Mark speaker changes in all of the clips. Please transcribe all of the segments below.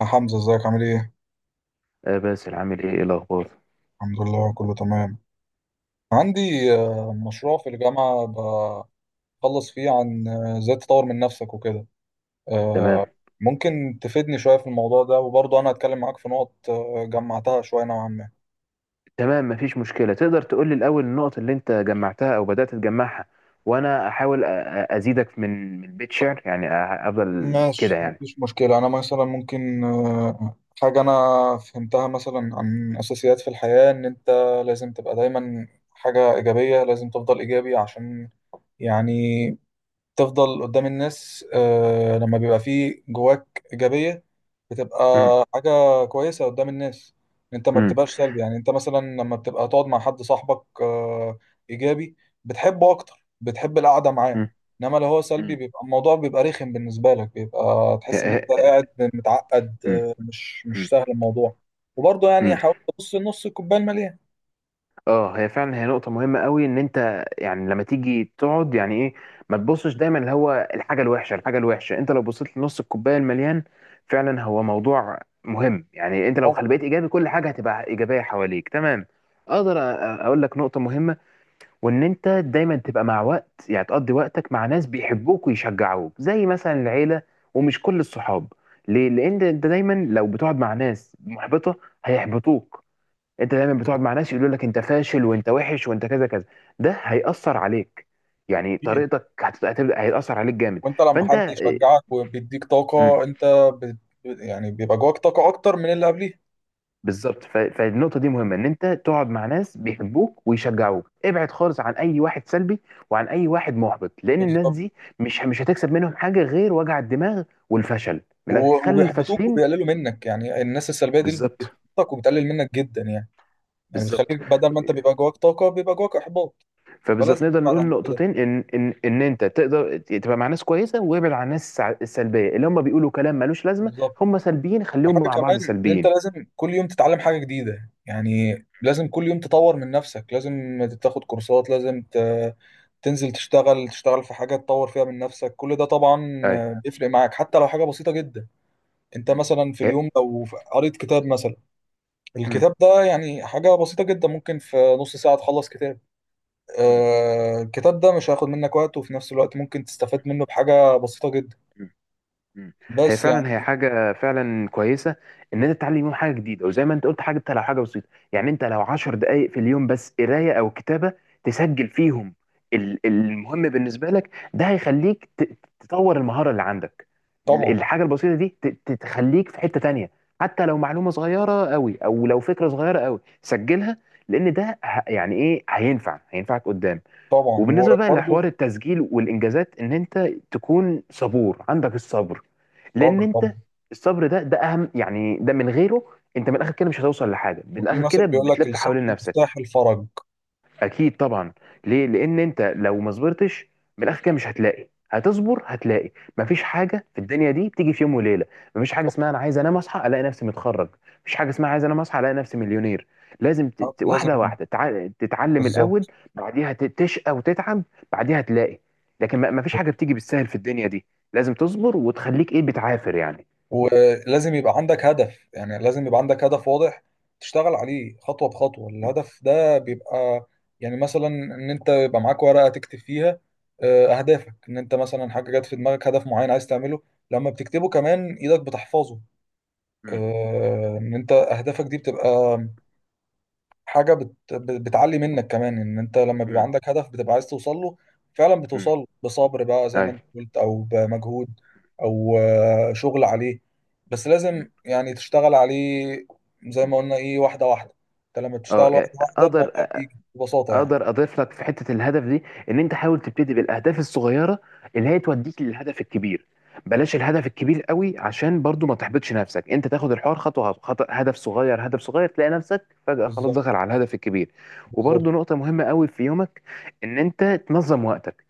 Speaker 1: يا حمزة، ازيك؟ عامل ايه؟
Speaker 2: آه باسل، عامل ايه؟ ايه الاخبار؟
Speaker 1: الحمد لله، كله تمام. عندي مشروع في الجامعة بخلص فيه عن ازاي تطور من نفسك وكده. آه،
Speaker 2: تمام.
Speaker 1: ممكن تفيدني شوية في الموضوع ده؟ وبرضه انا هتكلم معاك في نقط جمعتها شوية نوعا ما.
Speaker 2: تمام، مفيش مشكله. تقدر تقول لي الاول النقط اللي انت جمعتها او بدات تجمعها، وانا احاول ازيدك من بيت شعر يعني افضل كده
Speaker 1: ماشي،
Speaker 2: يعني.
Speaker 1: مفيش مشكلة. أنا مثلا ممكن حاجة أنا فهمتها مثلا عن أساسيات في الحياة، إن أنت لازم تبقى دايما حاجة إيجابية، لازم تفضل إيجابي عشان يعني تفضل قدام الناس. لما بيبقى فيه جواك إيجابية، بتبقى
Speaker 2: مم.
Speaker 1: حاجة كويسة قدام الناس. انت ما
Speaker 2: مم.
Speaker 1: بتبقاش سلبي، يعني انت مثلا لما بتبقى تقعد مع حد صاحبك إيجابي، بتحبه أكتر، بتحب القعدة معاه.
Speaker 2: مم.
Speaker 1: انما لو هو سلبي،
Speaker 2: مم.
Speaker 1: بيبقى الموضوع بيبقى رخم بالنسبة لك، بيبقى تحس ان
Speaker 2: ه-
Speaker 1: انت
Speaker 2: ه-
Speaker 1: قاعد متعقد،
Speaker 2: مم.
Speaker 1: مش
Speaker 2: مم.
Speaker 1: مش سهل الموضوع. وبرضه يعني
Speaker 2: مم.
Speaker 1: حاول تبص نص الكوباية المليان.
Speaker 2: اه، هي فعلا نقطة مهمة قوي. ان انت يعني لما تيجي تقعد يعني ايه، ما تبصش دايما اللي هو الحاجة الوحشة الحاجة الوحشة. انت لو بصيت لنص الكوباية المليان، فعلا هو موضوع مهم. يعني انت لو
Speaker 1: طبعا.
Speaker 2: خليت ايجابي كل حاجة هتبقى ايجابية حواليك. تمام. اقدر اقول لك نقطة مهمة، وان انت دايما تبقى مع وقت يعني تقضي وقتك مع ناس بيحبوك ويشجعوك زي مثلا العيلة، ومش كل الصحاب. ليه؟ لان انت دايما لو بتقعد مع ناس محبطة هيحبطوك. انت دايما بتقعد مع ناس يقولوا لك انت فاشل وانت وحش وانت كذا كذا، ده هيأثر عليك. يعني
Speaker 1: كتير.
Speaker 2: طريقتك هتبدأ هيأثر عليك جامد.
Speaker 1: وانت لما
Speaker 2: فانت
Speaker 1: حد يشجعك وبيديك
Speaker 2: مم،
Speaker 1: طاقة، انت بت... يعني بيبقى جواك طاقة اكتر من اللي قبليه.
Speaker 2: بالظبط. فالنقطة دي مهمة ان انت تقعد مع ناس بيحبوك ويشجعوك. ابعد خالص عن اي واحد سلبي، وعن اي واحد محبط. لان الناس
Speaker 1: بالظبط.
Speaker 2: دي مش هتكسب منهم حاجة غير وجع الدماغ والفشل. من الآخر، خلي
Speaker 1: وبيحبطوك
Speaker 2: الفاشلين.
Speaker 1: وبيقللوا منك. يعني الناس السلبية دي
Speaker 2: بالظبط.
Speaker 1: بتحبطك وبتقلل منك جدا يعني. يعني
Speaker 2: بالظبط.
Speaker 1: بتخليك بدل ما انت بيبقى جواك طاقة، بيبقى جواك احباط.
Speaker 2: فبالظبط
Speaker 1: فلازم
Speaker 2: نقدر
Speaker 1: تبعد
Speaker 2: نقول
Speaker 1: عن كل ده.
Speaker 2: نقطتين، ان انت تقدر تبقى مع ناس كويسه وابعد عن الناس السلبيه اللي هم بيقولوا كلام ملوش لازمه.
Speaker 1: بالظبط.
Speaker 2: هم سلبيين خليهم
Speaker 1: وحاجة
Speaker 2: مع بعض
Speaker 1: كمان، ان انت
Speaker 2: سلبيين.
Speaker 1: لازم كل يوم تتعلم حاجة جديدة يعني، لازم كل يوم تطور من نفسك، لازم تاخد كورسات، تنزل تشتغل، تشتغل في حاجة تطور فيها من نفسك. كل ده طبعا
Speaker 2: ايوه.
Speaker 1: بيفرق معاك، حتى لو حاجة بسيطة جدا. انت
Speaker 2: مم.
Speaker 1: مثلا في
Speaker 2: هي-
Speaker 1: اليوم لو قريت كتاب مثلا،
Speaker 2: مم.
Speaker 1: الكتاب ده يعني حاجة بسيطة جدا، ممكن في نص ساعة تخلص كتاب. آه، الكتاب ده مش هياخد منك وقت، وفي نفس الوقت ممكن تستفاد منه بحاجة بسيطة جدا.
Speaker 2: مم. مم. هي
Speaker 1: بس
Speaker 2: فعلا هي
Speaker 1: يعني.
Speaker 2: حاجة فعلا كويسة. إن أنت تتعلم يوم حاجة جديدة، وزي ما أنت قلت، حاجة أنت لو حاجة بسيطة. يعني أنت لو عشر دقايق في اليوم بس قراية أو كتابة تسجل فيهم، المهم بالنسبة لك، ده هيخليك تطور المهارة اللي عندك.
Speaker 1: طبعا.
Speaker 2: الحاجة البسيطة دي تخليك في حتة تانية. حتى لو معلومة صغيرة قوي أو لو فكرة صغيرة قوي سجلها، لأن ده يعني إيه هينفع هينفعك قدام.
Speaker 1: طبعا.
Speaker 2: وبالنسبه بقى
Speaker 1: وبرضه.
Speaker 2: لحوار التسجيل والانجازات، ان انت تكون صبور عندك الصبر. لان
Speaker 1: صبر طبعا.
Speaker 2: انت الصبر ده اهم، يعني ده من غيره انت من الاخر كده مش هتوصل لحاجه، من
Speaker 1: وفي
Speaker 2: الاخر
Speaker 1: مثل
Speaker 2: كده
Speaker 1: بيقول لك:
Speaker 2: بتلف
Speaker 1: الصبر
Speaker 2: حوالين نفسك.
Speaker 1: مفتاح الفرج.
Speaker 2: اكيد طبعا. ليه؟ لان انت لو ما صبرتش، من الاخر كده مش هتلاقي، هتصبر هتلاقي. مفيش حاجه في الدنيا دي بتيجي في يوم وليله. مفيش حاجه اسمها انا عايز انام اصحى الاقي نفسي متخرج. مفيش حاجه اسمها عايز انام اصحى الاقي نفسي مليونير. لازم
Speaker 1: طبعا لازم.
Speaker 2: واحده واحده تتعلم الاول.
Speaker 1: بالظبط.
Speaker 2: بعديها تشقى وتتعب، بعديها تلاقي. لكن مفيش حاجه بتيجي بالسهل في الدنيا دي. لازم تصبر وتخليك ايه بتعافر يعني.
Speaker 1: ولازم يبقى عندك هدف، يعني لازم يبقى عندك هدف واضح تشتغل عليه خطوة بخطوة. الهدف ده بيبقى يعني مثلا ان انت يبقى معاك ورقة تكتب فيها اهدافك. ان انت مثلا حاجة جت في دماغك، هدف معين عايز تعمله، لما بتكتبه كمان ايدك بتحفظه.
Speaker 2: امم.
Speaker 1: ان انت اهدافك دي بتبقى حاجه بتعلي منك كمان. ان انت لما بيبقى
Speaker 2: امم.
Speaker 1: عندك هدف، بتبقى عايز توصل له، فعلا بتوصل
Speaker 2: امم.
Speaker 1: له، بصبر بقى زي ما
Speaker 2: ايوه.
Speaker 1: انت قلت، او بمجهود، او شغل عليه، بس
Speaker 2: مم.
Speaker 1: لازم يعني تشتغل عليه. زي
Speaker 2: مم.
Speaker 1: ما قلنا ايه، واحده واحده. انت لما
Speaker 2: اه
Speaker 1: بتشتغل واحده
Speaker 2: يعني
Speaker 1: واحده،
Speaker 2: اقدر
Speaker 1: الموضوع بيجي ببساطه يعني.
Speaker 2: اقدر اضيف لك في حته الهدف دي، ان انت حاول تبتدي بالاهداف الصغيره اللي هي توديك للهدف الكبير. بلاش الهدف الكبير قوي، عشان برضو ما تحبطش نفسك. انت تاخد الحوار خطوه خطوه، هدف صغير هدف صغير، تلاقي نفسك فجاه خلاص
Speaker 1: بالظبط.
Speaker 2: دخل على الهدف الكبير.
Speaker 1: بالظبط.
Speaker 2: وبرضو نقطه مهمه قوي في يومك، ان انت تنظم وقتك.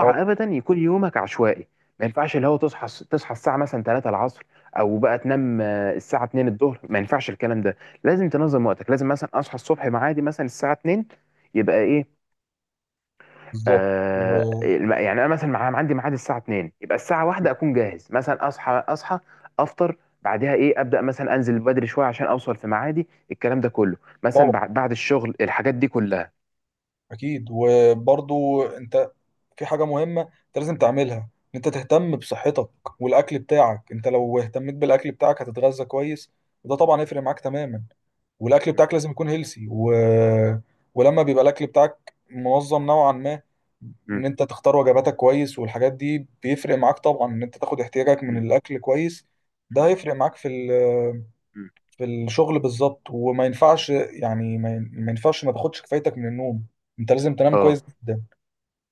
Speaker 1: اه
Speaker 2: ابدا يكون يومك عشوائي. ما ينفعش اللي هو تصحى الساعه مثلا 3 العصر، او بقى تنام الساعه 2 الظهر. ما ينفعش الكلام ده. لازم تنظم وقتك. لازم مثلا اصحى الصبح، معادي مثلا الساعه 2، يبقى ايه،
Speaker 1: بالظبط. و-
Speaker 2: يعني انا مثلا عندي ميعاد الساعه 2، يبقى الساعه 1 اكون جاهز. مثلا اصحى افطر، بعدها ايه، ابدا مثلا انزل بدري شويه عشان اوصل في ميعادي، الكلام ده كله مثلا
Speaker 1: طبعا.
Speaker 2: بعد الشغل الحاجات دي كلها.
Speaker 1: اكيد. وبرضو انت في حاجة مهمة انت لازم تعملها، ان انت تهتم بصحتك والاكل بتاعك. انت لو اهتميت بالاكل بتاعك هتتغذى كويس، وده طبعا يفرق معاك تماما. والاكل
Speaker 2: م-
Speaker 1: بتاعك لازم يكون هيلسي و... ولما بيبقى الاكل بتاعك منظم نوعا ما، ان
Speaker 2: م-
Speaker 1: انت تختار وجباتك كويس والحاجات دي، بيفرق معاك طبعا. ان انت تاخد احتياجك من
Speaker 2: م-
Speaker 1: الاكل كويس، ده
Speaker 2: م-
Speaker 1: هيفرق معاك في ال...
Speaker 2: م.
Speaker 1: في الشغل بالظبط. وما ينفعش يعني، ما ينفعش ما تاخدش كفايتك من النوم. انت لازم تنام
Speaker 2: اه،
Speaker 1: كويس جدا،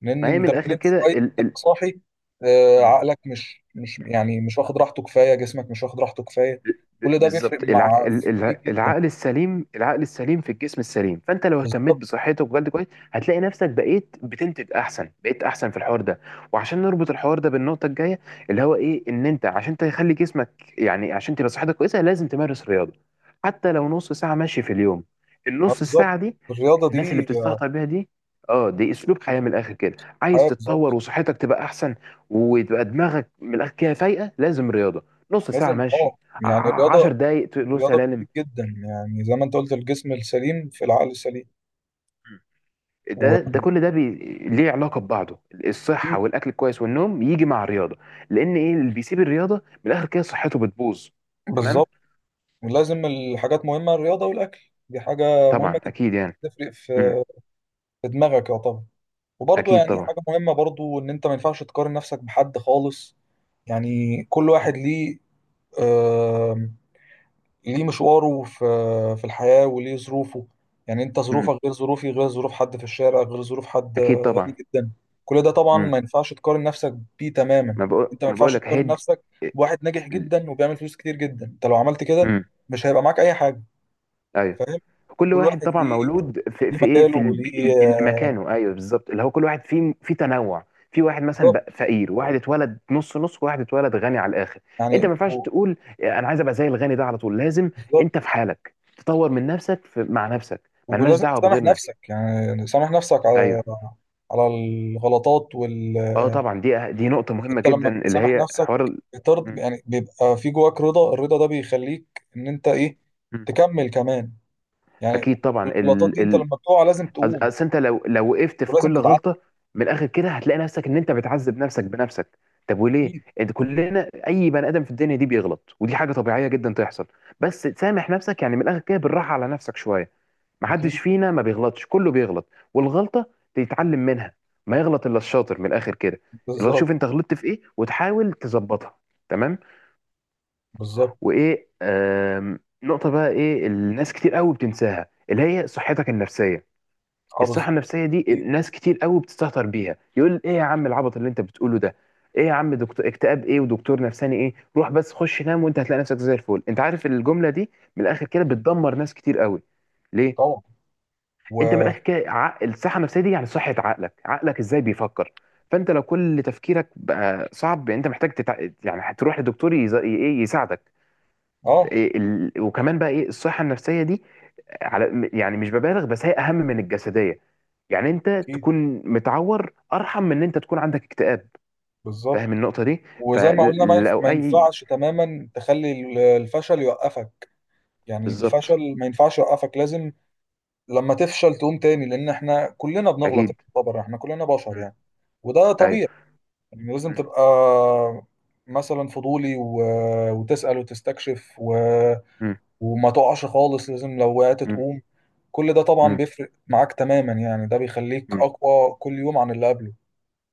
Speaker 1: لان
Speaker 2: ما هي
Speaker 1: انت
Speaker 2: من
Speaker 1: لو
Speaker 2: الاخر
Speaker 1: نمت
Speaker 2: كده
Speaker 1: شويه تبقى
Speaker 2: ال
Speaker 1: صاحي.
Speaker 2: ال
Speaker 1: عقلك مش يعني مش واخد راحته كفايه، جسمك مش واخد راحته كفايه. كل ده بيفرق
Speaker 2: بالظبط،
Speaker 1: مع فيك جدا.
Speaker 2: العقل السليم في الجسم السليم. فانت لو اهتميت
Speaker 1: بالظبط.
Speaker 2: بصحتك وجلد كويس، هتلاقي نفسك بقيت بتنتج احسن، بقيت احسن في الحوار ده. وعشان نربط الحوار ده بالنقطه الجايه، اللي هو ايه، ان انت عشان تخلي جسمك يعني عشان تبقى صحتك كويسه، لازم تمارس رياضه. حتى لو نص ساعه مشي في اليوم، النص
Speaker 1: بالظبط.
Speaker 2: ساعه دي
Speaker 1: الرياضه
Speaker 2: الناس اللي
Speaker 1: دي
Speaker 2: بتستهتر بيها دي، اه دي اسلوب حياه. من الاخر كده، عايز
Speaker 1: حياه.
Speaker 2: تتطور
Speaker 1: بالظبط.
Speaker 2: وصحتك تبقى احسن وتبقى دماغك من الاخر كده فايقه، لازم رياضه نص ساعه
Speaker 1: لازم،
Speaker 2: مشي،
Speaker 1: اه يعني
Speaker 2: عشر
Speaker 1: الرياضه،
Speaker 2: دقايق له
Speaker 1: رياضه
Speaker 2: سلالم.
Speaker 1: كتير جدا يعني. زي ما انت قلت، الجسم السليم في العقل السليم.
Speaker 2: مم. ده
Speaker 1: واكيد.
Speaker 2: كل ده ليه علاقه ببعضه. الصحه والاكل الكويس والنوم يجي مع الرياضه، لان ايه اللي بيسيب الرياضه من الاخر كده صحته بتبوظ. تمام.
Speaker 1: بالظبط. ولازم الحاجات مهمه، الرياضه والاكل، دي حاجه مهمه
Speaker 2: طبعا
Speaker 1: جدا.
Speaker 2: اكيد يعني.
Speaker 1: تفرق
Speaker 2: امم.
Speaker 1: في في دماغك، يا طبعا. وبرضه
Speaker 2: اكيد
Speaker 1: يعني
Speaker 2: طبعا.
Speaker 1: حاجه مهمه برضه، ان انت ما ينفعش تقارن نفسك بحد خالص. يعني كل واحد ليه آم، ليه مشواره في في الحياة وليه ظروفه. يعني انت
Speaker 2: امم.
Speaker 1: ظروفك غير ظروفي، غير ظروف حد في الشارع، غير ظروف حد
Speaker 2: اكيد
Speaker 1: غني
Speaker 2: طبعا.
Speaker 1: جدا. كل ده طبعا
Speaker 2: امم.
Speaker 1: ما ينفعش تقارن نفسك بيه تماما.
Speaker 2: ما بقول
Speaker 1: انت ما
Speaker 2: ما بقول
Speaker 1: ينفعش
Speaker 2: لك
Speaker 1: تقارن نفسك بواحد ناجح جدا وبيعمل فلوس كتير جدا. انت لو عملت كده
Speaker 2: امم.
Speaker 1: مش هيبقى معاك اي حاجة.
Speaker 2: ايوه.
Speaker 1: فاهم.
Speaker 2: كل
Speaker 1: كل
Speaker 2: واحد
Speaker 1: واحد
Speaker 2: طبعا
Speaker 1: ليه
Speaker 2: مولود في,
Speaker 1: ليه
Speaker 2: في ايه،
Speaker 1: مجاله
Speaker 2: في
Speaker 1: وليه آه،
Speaker 2: مكانه. ايوه بالظبط، اللي هو كل واحد فيه في تنوع. في واحد مثلا
Speaker 1: بالظبط
Speaker 2: بقى فقير، واحد اتولد نص نص، واحد اتولد غني على الاخر. انت ما
Speaker 1: يعني.
Speaker 2: ينفعش تقول انا عايز ابقى زي الغني ده على طول، لازم
Speaker 1: بالظبط.
Speaker 2: انت في حالك تطور من نفسك مع نفسك، ملناش
Speaker 1: ولازم
Speaker 2: دعوه
Speaker 1: تسامح
Speaker 2: بغيرنا.
Speaker 1: نفسك، يعني سامح نفسك على
Speaker 2: ايوه.
Speaker 1: على الغلطات وال...
Speaker 2: اه طبعا، دي دي نقطه مهمه
Speaker 1: انت
Speaker 2: جدا
Speaker 1: لما
Speaker 2: اللي
Speaker 1: بتسامح
Speaker 2: هي
Speaker 1: نفسك،
Speaker 2: حوار
Speaker 1: بترض
Speaker 2: م-
Speaker 1: يعني، بيبقى في جواك رضا. الرضا ده بيخليك ان انت ايه،
Speaker 2: م.
Speaker 1: تكمل كمان يعني.
Speaker 2: اكيد طبعا
Speaker 1: الغلطات دي، انت لما بتقع لازم تقوم،
Speaker 2: اصل انت لو وقفت في
Speaker 1: ولازم
Speaker 2: كل
Speaker 1: تتعلم.
Speaker 2: غلطه من الاخر كده هتلاقي نفسك ان انت بتعذب نفسك بنفسك. طب وليه
Speaker 1: اكيد.
Speaker 2: انت، كلنا اي بني ادم في الدنيا دي بيغلط، ودي حاجه طبيعيه جدا تحصل. بس سامح نفسك يعني من الاخر كده بالراحه على نفسك شويه. محدش
Speaker 1: اكيد.
Speaker 2: فينا ما بيغلطش، كله بيغلط. والغلطه تتعلم منها. ما يغلط الا الشاطر من الاخر كده. لو
Speaker 1: بالظبط.
Speaker 2: شوف انت غلطت في ايه وتحاول تظبطها. تمام.
Speaker 1: بالظبط.
Speaker 2: وايه، نقطه بقى ايه الناس كتير قوي بتنساها اللي هي صحتك النفسيه.
Speaker 1: اه
Speaker 2: الصحة
Speaker 1: بالظبط.
Speaker 2: النفسية دي
Speaker 1: اكيد
Speaker 2: ناس كتير قوي بتستهتر بيها، يقول ايه يا عم، العبط اللي انت بتقوله ده، ايه يا عم، دكتور اكتئاب ايه ودكتور نفساني ايه، روح بس خش نام وانت هتلاقي نفسك زي الفل. انت عارف الجملة دي من الاخر كده بتدمر ناس كتير قوي. ليه؟
Speaker 1: طبعا.
Speaker 2: انت من
Speaker 1: و
Speaker 2: الاخر كده الصحة النفسية دي يعني صحة عقلك، عقلك ازاي بيفكر. فانت لو كل تفكيرك بقى صعب يعني انت محتاج يعني هتروح لدكتور ايه يساعدك.
Speaker 1: اه،
Speaker 2: إيه وكمان بقى ايه الصحة النفسية دي، على يعني مش ببالغ، بس هي اهم من الجسديه. يعني انت
Speaker 1: اكيد.
Speaker 2: تكون متعور ارحم من ان انت تكون عندك اكتئاب. فاهم
Speaker 1: بالظبط.
Speaker 2: النقطه دي.
Speaker 1: وزي ما قلنا،
Speaker 2: فلو
Speaker 1: ما
Speaker 2: اي.
Speaker 1: ينفعش تماما تخلي الفشل يوقفك. يعني
Speaker 2: بالظبط.
Speaker 1: الفشل ما ينفعش يوقفك. لازم لما تفشل تقوم تاني، لان احنا كلنا بنغلط
Speaker 2: اكيد.
Speaker 1: طبعا، احنا كلنا بشر
Speaker 2: مم.
Speaker 1: يعني. وده
Speaker 2: ايوه.
Speaker 1: طبيعي يعني. لازم
Speaker 2: مم.
Speaker 1: تبقى مثلا فضولي و... وتسأل وتستكشف و...
Speaker 2: مم.
Speaker 1: وما تقعش خالص، لازم لو وقعت تقوم. كل ده طبعا
Speaker 2: مم.
Speaker 1: بيفرق معاك تماما يعني. ده بيخليك
Speaker 2: مم.
Speaker 1: اقوى كل يوم عن اللي قبله.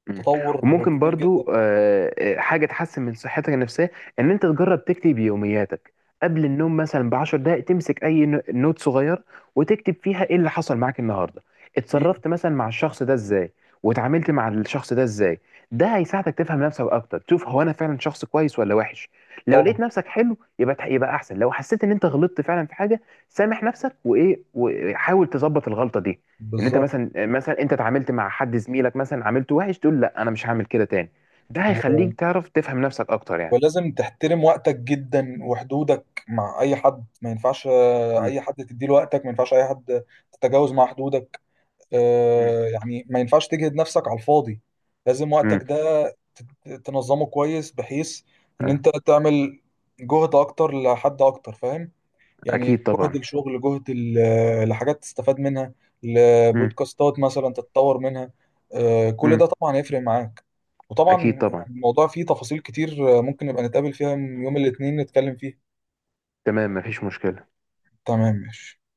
Speaker 2: مم.
Speaker 1: تطور
Speaker 2: وممكن
Speaker 1: كبير جدا
Speaker 2: برضو حاجة تحسن من صحتك النفسية، إن أنت تجرب تكتب يومياتك قبل النوم مثلا بعشر دقايق، تمسك أي نوت صغير وتكتب فيها إيه اللي حصل معاك النهاردة،
Speaker 1: فيه
Speaker 2: اتصرفت مثلا مع الشخص ده إزاي، وتعاملت مع الشخص ده إزاي. ده هيساعدك تفهم نفسك أكتر، تشوف هو أنا فعلا شخص كويس ولا وحش. لو
Speaker 1: طبعا.
Speaker 2: لقيت نفسك حلو، يبقى يبقى أحسن. لو حسيت إن أنت غلطت فعلا في حاجة، سامح نفسك وإيه وحاول تظبط الغلطة دي. ان انت
Speaker 1: بالظبط.
Speaker 2: مثلا انت اتعاملت مع حد زميلك، مثلا عاملته وحش، تقول لا انا مش هعمل كده تاني. ده
Speaker 1: و...
Speaker 2: هيخليك تعرف تفهم نفسك اكتر يعني.
Speaker 1: ولازم تحترم وقتك جدا، وحدودك مع اي حد. ما ينفعش
Speaker 2: مم.
Speaker 1: اي حد تديله وقتك، ما ينفعش اي حد تتجاوز مع حدودك.
Speaker 2: مم.
Speaker 1: يعني ما ينفعش تجهد نفسك على الفاضي. لازم
Speaker 2: مم.
Speaker 1: وقتك ده تنظمه كويس، بحيث ان انت تعمل جهد اكتر لحد اكتر، فاهم يعني.
Speaker 2: اكيد
Speaker 1: جهد
Speaker 2: طبعا.
Speaker 1: الشغل، جهد لحاجات تستفاد منها،
Speaker 2: مم.
Speaker 1: لبودكاستات مثلا تتطور منها. كل ده
Speaker 2: مم.
Speaker 1: طبعا هيفرق معاك.
Speaker 2: اكيد
Speaker 1: وطبعا
Speaker 2: طبعا.
Speaker 1: الموضوع فيه تفاصيل كتير. ممكن نبقى نتقابل فيها يوم الاثنين نتكلم فيه.
Speaker 2: تمام مفيش مشكلة.
Speaker 1: تمام ماشي.